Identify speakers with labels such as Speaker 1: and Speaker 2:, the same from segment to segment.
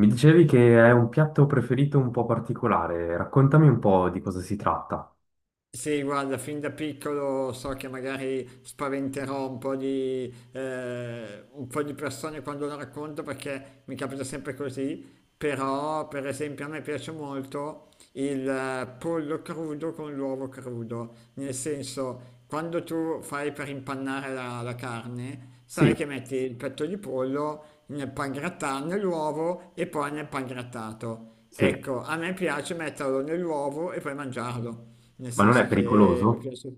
Speaker 1: Mi dicevi che è un piatto preferito un po' particolare, raccontami un po' di cosa si tratta.
Speaker 2: Sì, guarda, fin da piccolo so che magari spaventerò un po' di persone quando lo racconto perché mi capita sempre così, però per esempio a me piace molto il pollo crudo con l'uovo crudo, nel senso quando tu fai per impannare la carne, sai che
Speaker 1: Sì,
Speaker 2: metti il petto di pollo nel pangrattato, nell'uovo e poi nel pangrattato.
Speaker 1: sì,
Speaker 2: Ecco, a me piace metterlo nell'uovo e poi mangiarlo. Nel
Speaker 1: ma non è
Speaker 2: senso che mi
Speaker 1: pericoloso?
Speaker 2: piace.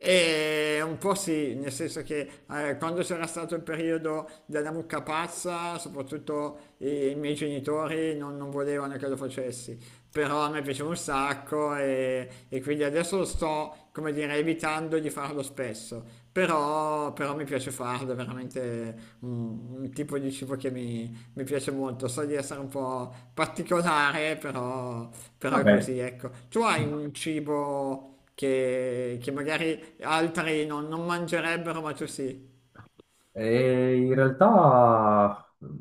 Speaker 2: E un po' sì, nel senso che quando c'era stato il periodo della mucca pazza, soprattutto i miei genitori non volevano che lo facessi però a me piaceva un sacco e quindi adesso lo sto, come dire, evitando di farlo spesso, però mi piace farlo, è veramente un tipo di cibo che mi piace molto, so di essere un po' particolare, però è
Speaker 1: Vabbè.
Speaker 2: così, ecco. Tu hai un cibo che magari altri non mangerebbero, ma tu sì.
Speaker 1: E in realtà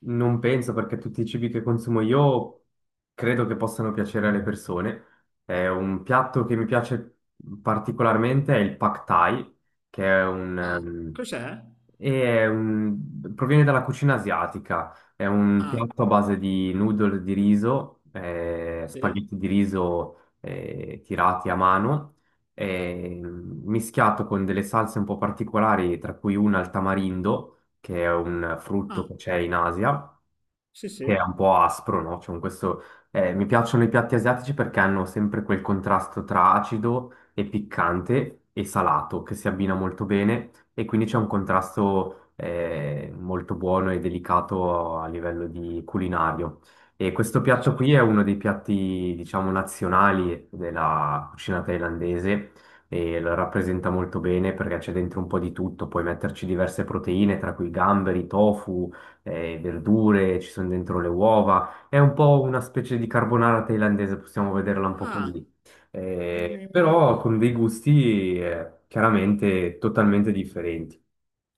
Speaker 1: non penso perché tutti i cibi che consumo io credo che possano piacere alle persone. È un piatto che mi piace particolarmente è il Pad Thai, che è un,
Speaker 2: Ah, cos'è?
Speaker 1: e è un- proviene dalla cucina asiatica. È un
Speaker 2: Ah,
Speaker 1: piatto a base di noodle di riso,
Speaker 2: sì?
Speaker 1: spaghetti di riso tirati a mano mischiato con delle salse un po' particolari, tra cui una al tamarindo, che è un frutto
Speaker 2: Ah,
Speaker 1: che c'è in Asia,
Speaker 2: sì,
Speaker 1: che è un
Speaker 2: sì.
Speaker 1: po' aspro, no? Cioè, con questo, mi piacciono i piatti asiatici perché hanno sempre quel contrasto tra acido e piccante e salato che si abbina molto bene e quindi c'è un contrasto molto buono e delicato a livello di culinario. E questo
Speaker 2: E
Speaker 1: piatto qui
Speaker 2: certo.
Speaker 1: è uno dei piatti, diciamo, nazionali della cucina thailandese e lo rappresenta molto bene perché c'è dentro un po' di tutto, puoi metterci diverse proteine, tra cui gamberi, tofu verdure, ci sono dentro le uova, è un po' una specie di carbonara thailandese, possiamo vederla un po'
Speaker 2: Ah,
Speaker 1: così.
Speaker 2: mi...
Speaker 1: Però
Speaker 2: mi-
Speaker 1: con dei gusti chiaramente totalmente differenti.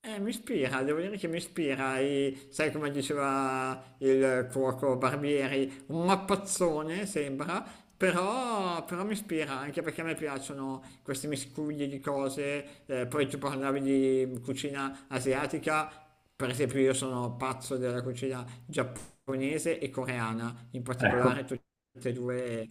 Speaker 2: Mi ispira, devo dire che mi ispira, e, sai come diceva il cuoco Barbieri, un mappazzone sembra, però mi ispira anche perché a me piacciono questi miscugli di cose, poi tu parlavi di cucina asiatica, per esempio io sono pazzo della cucina giapponese e coreana, in
Speaker 1: Ecco.
Speaker 2: particolare tutte e due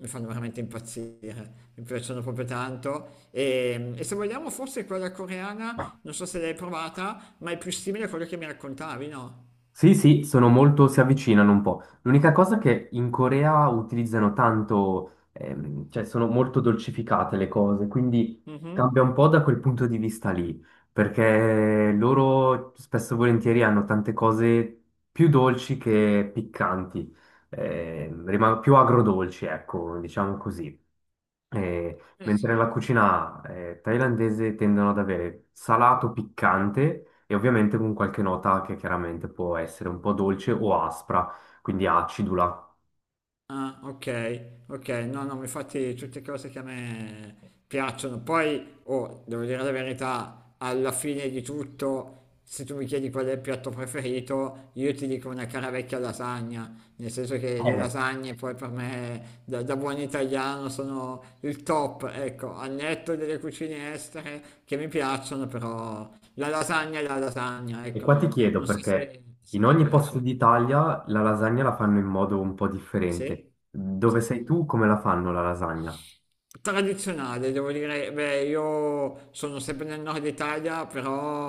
Speaker 2: mi fanno veramente impazzire, mi piacciono proprio tanto. E se vogliamo, forse quella coreana, non so se l'hai provata, ma è più simile a quello che mi raccontavi, no?
Speaker 1: Sì, sì, sono molto, si avvicinano un po'. L'unica cosa è che in Corea utilizzano tanto, cioè sono molto dolcificate le cose, quindi
Speaker 2: Mhm.
Speaker 1: cambia un po' da quel punto di vista lì, perché loro spesso e volentieri hanno tante cose più dolci che piccanti, più agrodolci, ecco, diciamo così. Eh,
Speaker 2: Eh sì.
Speaker 1: Mentre nella cucina thailandese tendono ad avere salato piccante e ovviamente con qualche nota che chiaramente può essere un po' dolce o aspra, quindi acidula.
Speaker 2: Ah, ok, ok, no, no, ma infatti tutte cose che a me piacciono. Poi, oh, devo dire la verità, alla fine di tutto, se tu mi chiedi qual è il piatto preferito, io ti dico una cara vecchia lasagna, nel senso che
Speaker 1: Eh,
Speaker 2: le
Speaker 1: Eh,
Speaker 2: lasagne poi per me, da buon italiano, sono il top, ecco, al netto delle cucine estere che mi piacciono, però la lasagna è la lasagna,
Speaker 1: e
Speaker 2: ecco,
Speaker 1: qua ti
Speaker 2: non,
Speaker 1: chiedo
Speaker 2: non so
Speaker 1: perché
Speaker 2: se,
Speaker 1: in
Speaker 2: se ti
Speaker 1: ogni posto
Speaker 2: piace.
Speaker 1: d'Italia la lasagna la fanno in modo un po' differente.
Speaker 2: Sì,
Speaker 1: Dove
Speaker 2: sì,
Speaker 1: sei
Speaker 2: sì.
Speaker 1: tu, come la fanno la lasagna?
Speaker 2: Tradizionale, devo dire, beh, io sono sempre nel nord Italia,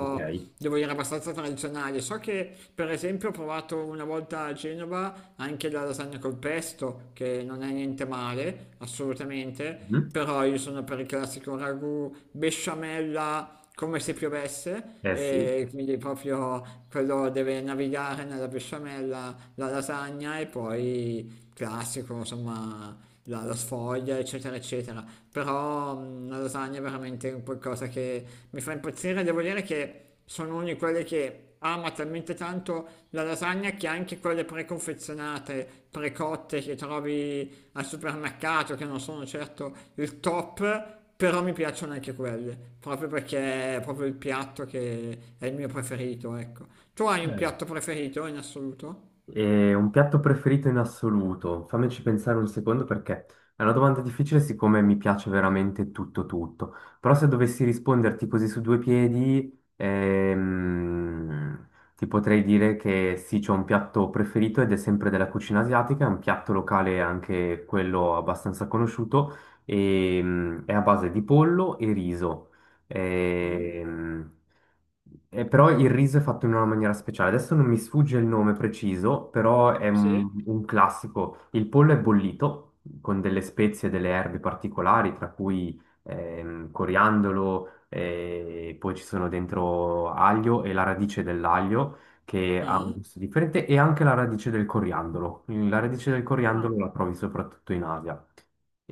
Speaker 1: Ok.
Speaker 2: devo dire abbastanza tradizionale. So che, per esempio, ho provato una volta a Genova anche la lasagna col pesto, che non è niente male, assolutamente,
Speaker 1: Mhm.
Speaker 2: però io sono per il classico ragù besciamella come se piovesse,
Speaker 1: Eh sì.
Speaker 2: e quindi proprio quello deve navigare nella besciamella, la lasagna e poi classico, insomma, la sfoglia, eccetera, eccetera. Però la lasagna è veramente un qualcosa che mi fa impazzire. Devo dire che sono uno di quelli che ama talmente tanto la lasagna che anche quelle preconfezionate, precotte che trovi al supermercato, che non sono certo il top. Però mi piacciono anche quelle, proprio perché è proprio il piatto che è il mio preferito, ecco. Tu hai un piatto preferito in assoluto?
Speaker 1: E un piatto preferito in assoluto? Fammici pensare un secondo perché è una domanda difficile siccome mi piace veramente tutto tutto. Però se dovessi risponderti così su due piedi, ti potrei dire che sì, c'ho un piatto preferito ed è sempre della cucina asiatica, è un piatto locale anche quello abbastanza conosciuto e, mm, è a base di pollo e riso.
Speaker 2: Mm?
Speaker 1: Ehm, Però il riso è fatto in una maniera speciale. Adesso non mi sfugge il nome preciso, però è
Speaker 2: Sì.
Speaker 1: un classico. Il pollo è bollito con delle spezie e delle erbe particolari, tra cui coriandolo, poi ci sono dentro aglio e la radice dell'aglio che ha un
Speaker 2: Ah?
Speaker 1: gusto differente e anche la radice del coriandolo. La radice del
Speaker 2: Ah?
Speaker 1: coriandolo la trovi soprattutto in Asia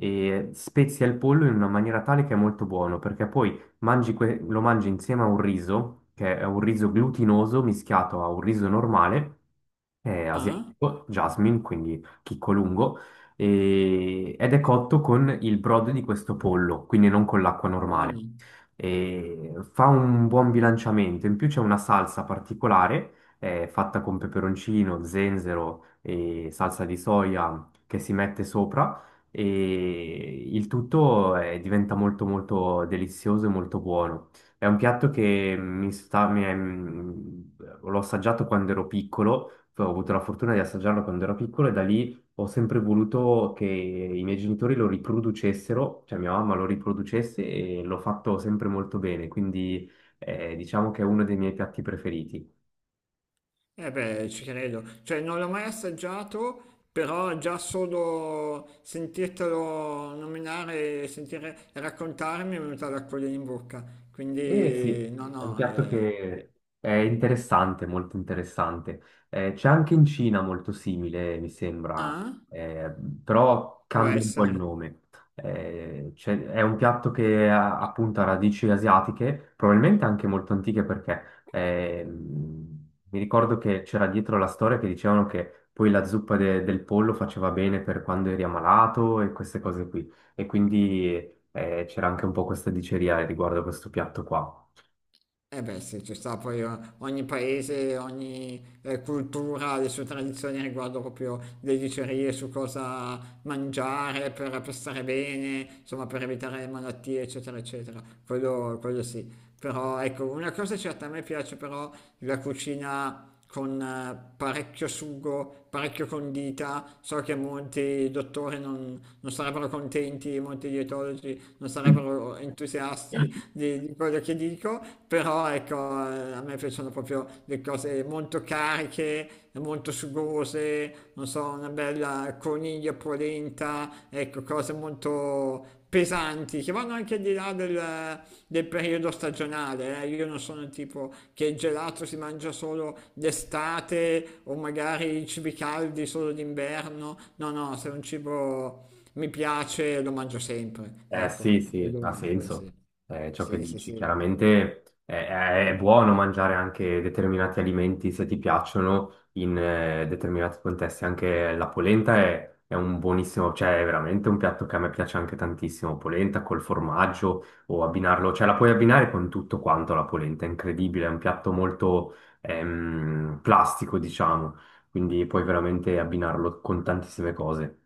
Speaker 1: e spezia il pollo in una maniera tale che è molto buono, perché poi lo mangi insieme a un riso, che è un riso glutinoso mischiato a un riso normale, è
Speaker 2: Ah?
Speaker 1: asiatico, jasmine, quindi chicco lungo, ed è cotto con il brodo di questo pollo, quindi non con l'acqua
Speaker 2: Buono.
Speaker 1: normale. E fa un buon bilanciamento, in più c'è una salsa particolare, fatta con peperoncino, zenzero e salsa di soia che si mette sopra e il tutto diventa molto molto delizioso e molto buono. È un piatto che mi sta, mi è- mm, l'ho assaggiato quando ero piccolo, cioè, ho avuto la fortuna di assaggiarlo quando ero piccolo e da lì ho sempre voluto che i miei genitori lo riproducessero, cioè mia mamma lo riproducesse e l'ho fatto sempre molto bene, quindi diciamo che è uno dei miei piatti preferiti.
Speaker 2: Eh beh, ci credo, cioè non l'ho mai assaggiato, però già solo sentirtelo nominare e sentire raccontarmi è venuta l'acquolina in bocca,
Speaker 1: Eh
Speaker 2: quindi
Speaker 1: sì,
Speaker 2: no,
Speaker 1: è un
Speaker 2: no,
Speaker 1: piatto che è interessante, molto interessante. C'è anche in Cina molto simile, mi sembra,
Speaker 2: ah,
Speaker 1: eh, però
Speaker 2: può
Speaker 1: cambia un po' il
Speaker 2: essere.
Speaker 1: nome. È un piatto che ha appunto ha radici asiatiche, probabilmente anche molto antiche perché mi ricordo che c'era dietro la storia che dicevano che poi del pollo faceva bene per quando eri ammalato e queste cose qui. E quindi c'era anche un po' questa diceria riguardo a questo piatto qua.
Speaker 2: Eh beh, sì, ci sta, poi ogni paese, ogni cultura ha le sue tradizioni riguardo proprio le dicerie su cosa mangiare per stare bene, insomma per evitare malattie, eccetera, eccetera. Quello sì. Però ecco, una cosa è certa, a me piace però la cucina con parecchio sugo, parecchio condita. So che molti dottori non sarebbero contenti, molti dietologi non sarebbero entusiasti di quello che dico, però ecco, a me piacciono proprio le cose molto cariche, molto sugose, non so, una bella coniglia polenta, ecco, cose molto pesanti che vanno anche al di là del periodo stagionale. Io non sono il tipo che il gelato si mangia solo d'estate o magari i cibi caldi solo d'inverno. No, no, se è un cibo mi piace, lo mangio sempre,
Speaker 1: Eh
Speaker 2: ecco,
Speaker 1: sì, sì, ha
Speaker 2: quello sì.
Speaker 1: senso ciò che
Speaker 2: Sì, sì,
Speaker 1: dici.
Speaker 2: sì.
Speaker 1: Chiaramente è buono mangiare anche determinati alimenti se ti piacciono in determinati contesti. Anche la polenta è un buonissimo, cioè è veramente un piatto che a me piace anche tantissimo. Polenta col formaggio o abbinarlo, cioè la puoi abbinare con tutto quanto la polenta, è incredibile, è un piatto molto plastico, diciamo, quindi puoi veramente abbinarlo con tantissime cose.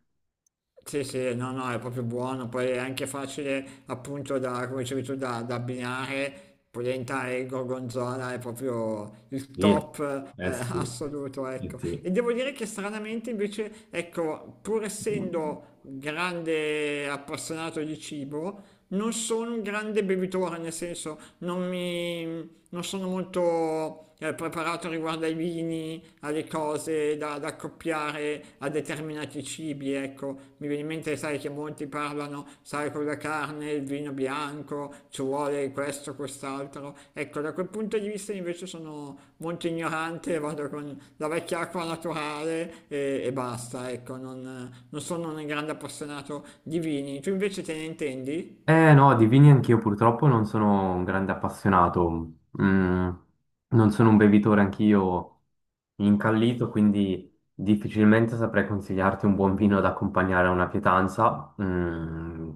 Speaker 2: Sì, sì, no, no, è proprio buono, poi è anche facile appunto come dicevi tu, da abbinare, polenta e gorgonzola è proprio il
Speaker 1: Sì,
Speaker 2: top
Speaker 1: eh sì,
Speaker 2: assoluto,
Speaker 1: eh
Speaker 2: ecco.
Speaker 1: sì.
Speaker 2: E devo dire che stranamente invece, ecco, pur essendo grande appassionato di cibo, non sono un grande bevitore, nel senso non sono molto preparato riguardo ai vini, alle cose da accoppiare a determinati cibi, ecco. Mi viene in mente, sai, che molti parlano, sai, con la carne, il vino bianco, ci vuole questo, quest'altro. Ecco, da quel punto di vista invece sono molto ignorante, vado con la vecchia acqua naturale e basta, ecco. Non sono un grande appassionato di vini. Tu invece te ne intendi?
Speaker 1: Eh no, di vini anch'io purtroppo non sono un grande appassionato. Mm, non sono un bevitore anch'io incallito, quindi difficilmente saprei consigliarti un buon vino da accompagnare a una pietanza. Mm,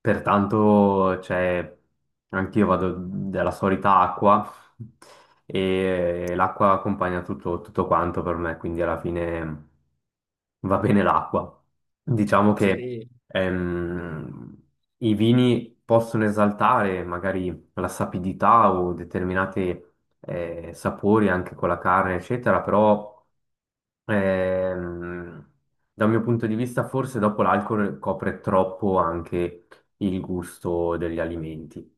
Speaker 1: pertanto, cioè, anch'io vado della solita acqua e l'acqua accompagna tutto, tutto quanto per me, quindi alla fine va bene l'acqua. Diciamo che
Speaker 2: Sì,
Speaker 1: ehm, i vini possono esaltare magari la sapidità o determinate sapori anche con la carne, eccetera, però ehm, dal mio punto di vista forse dopo l'alcol copre troppo anche il gusto degli alimenti.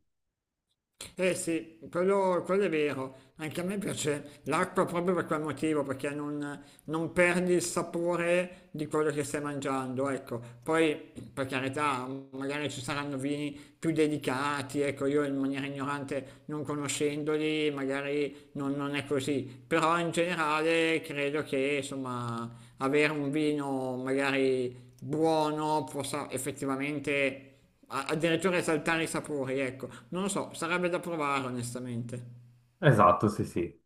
Speaker 2: eh sì, quello è vero. Anche a me piace l'acqua proprio per quel motivo, perché non perdi il sapore di quello che stai mangiando, ecco. Poi, per carità, magari ci saranno vini più delicati, ecco, io in maniera ignorante, non conoscendoli, magari non è così. Però in generale credo che, insomma, avere un vino magari buono possa effettivamente addirittura esaltare i sapori, ecco, non lo so, sarebbe da provare onestamente.
Speaker 1: Esatto, sì, sì.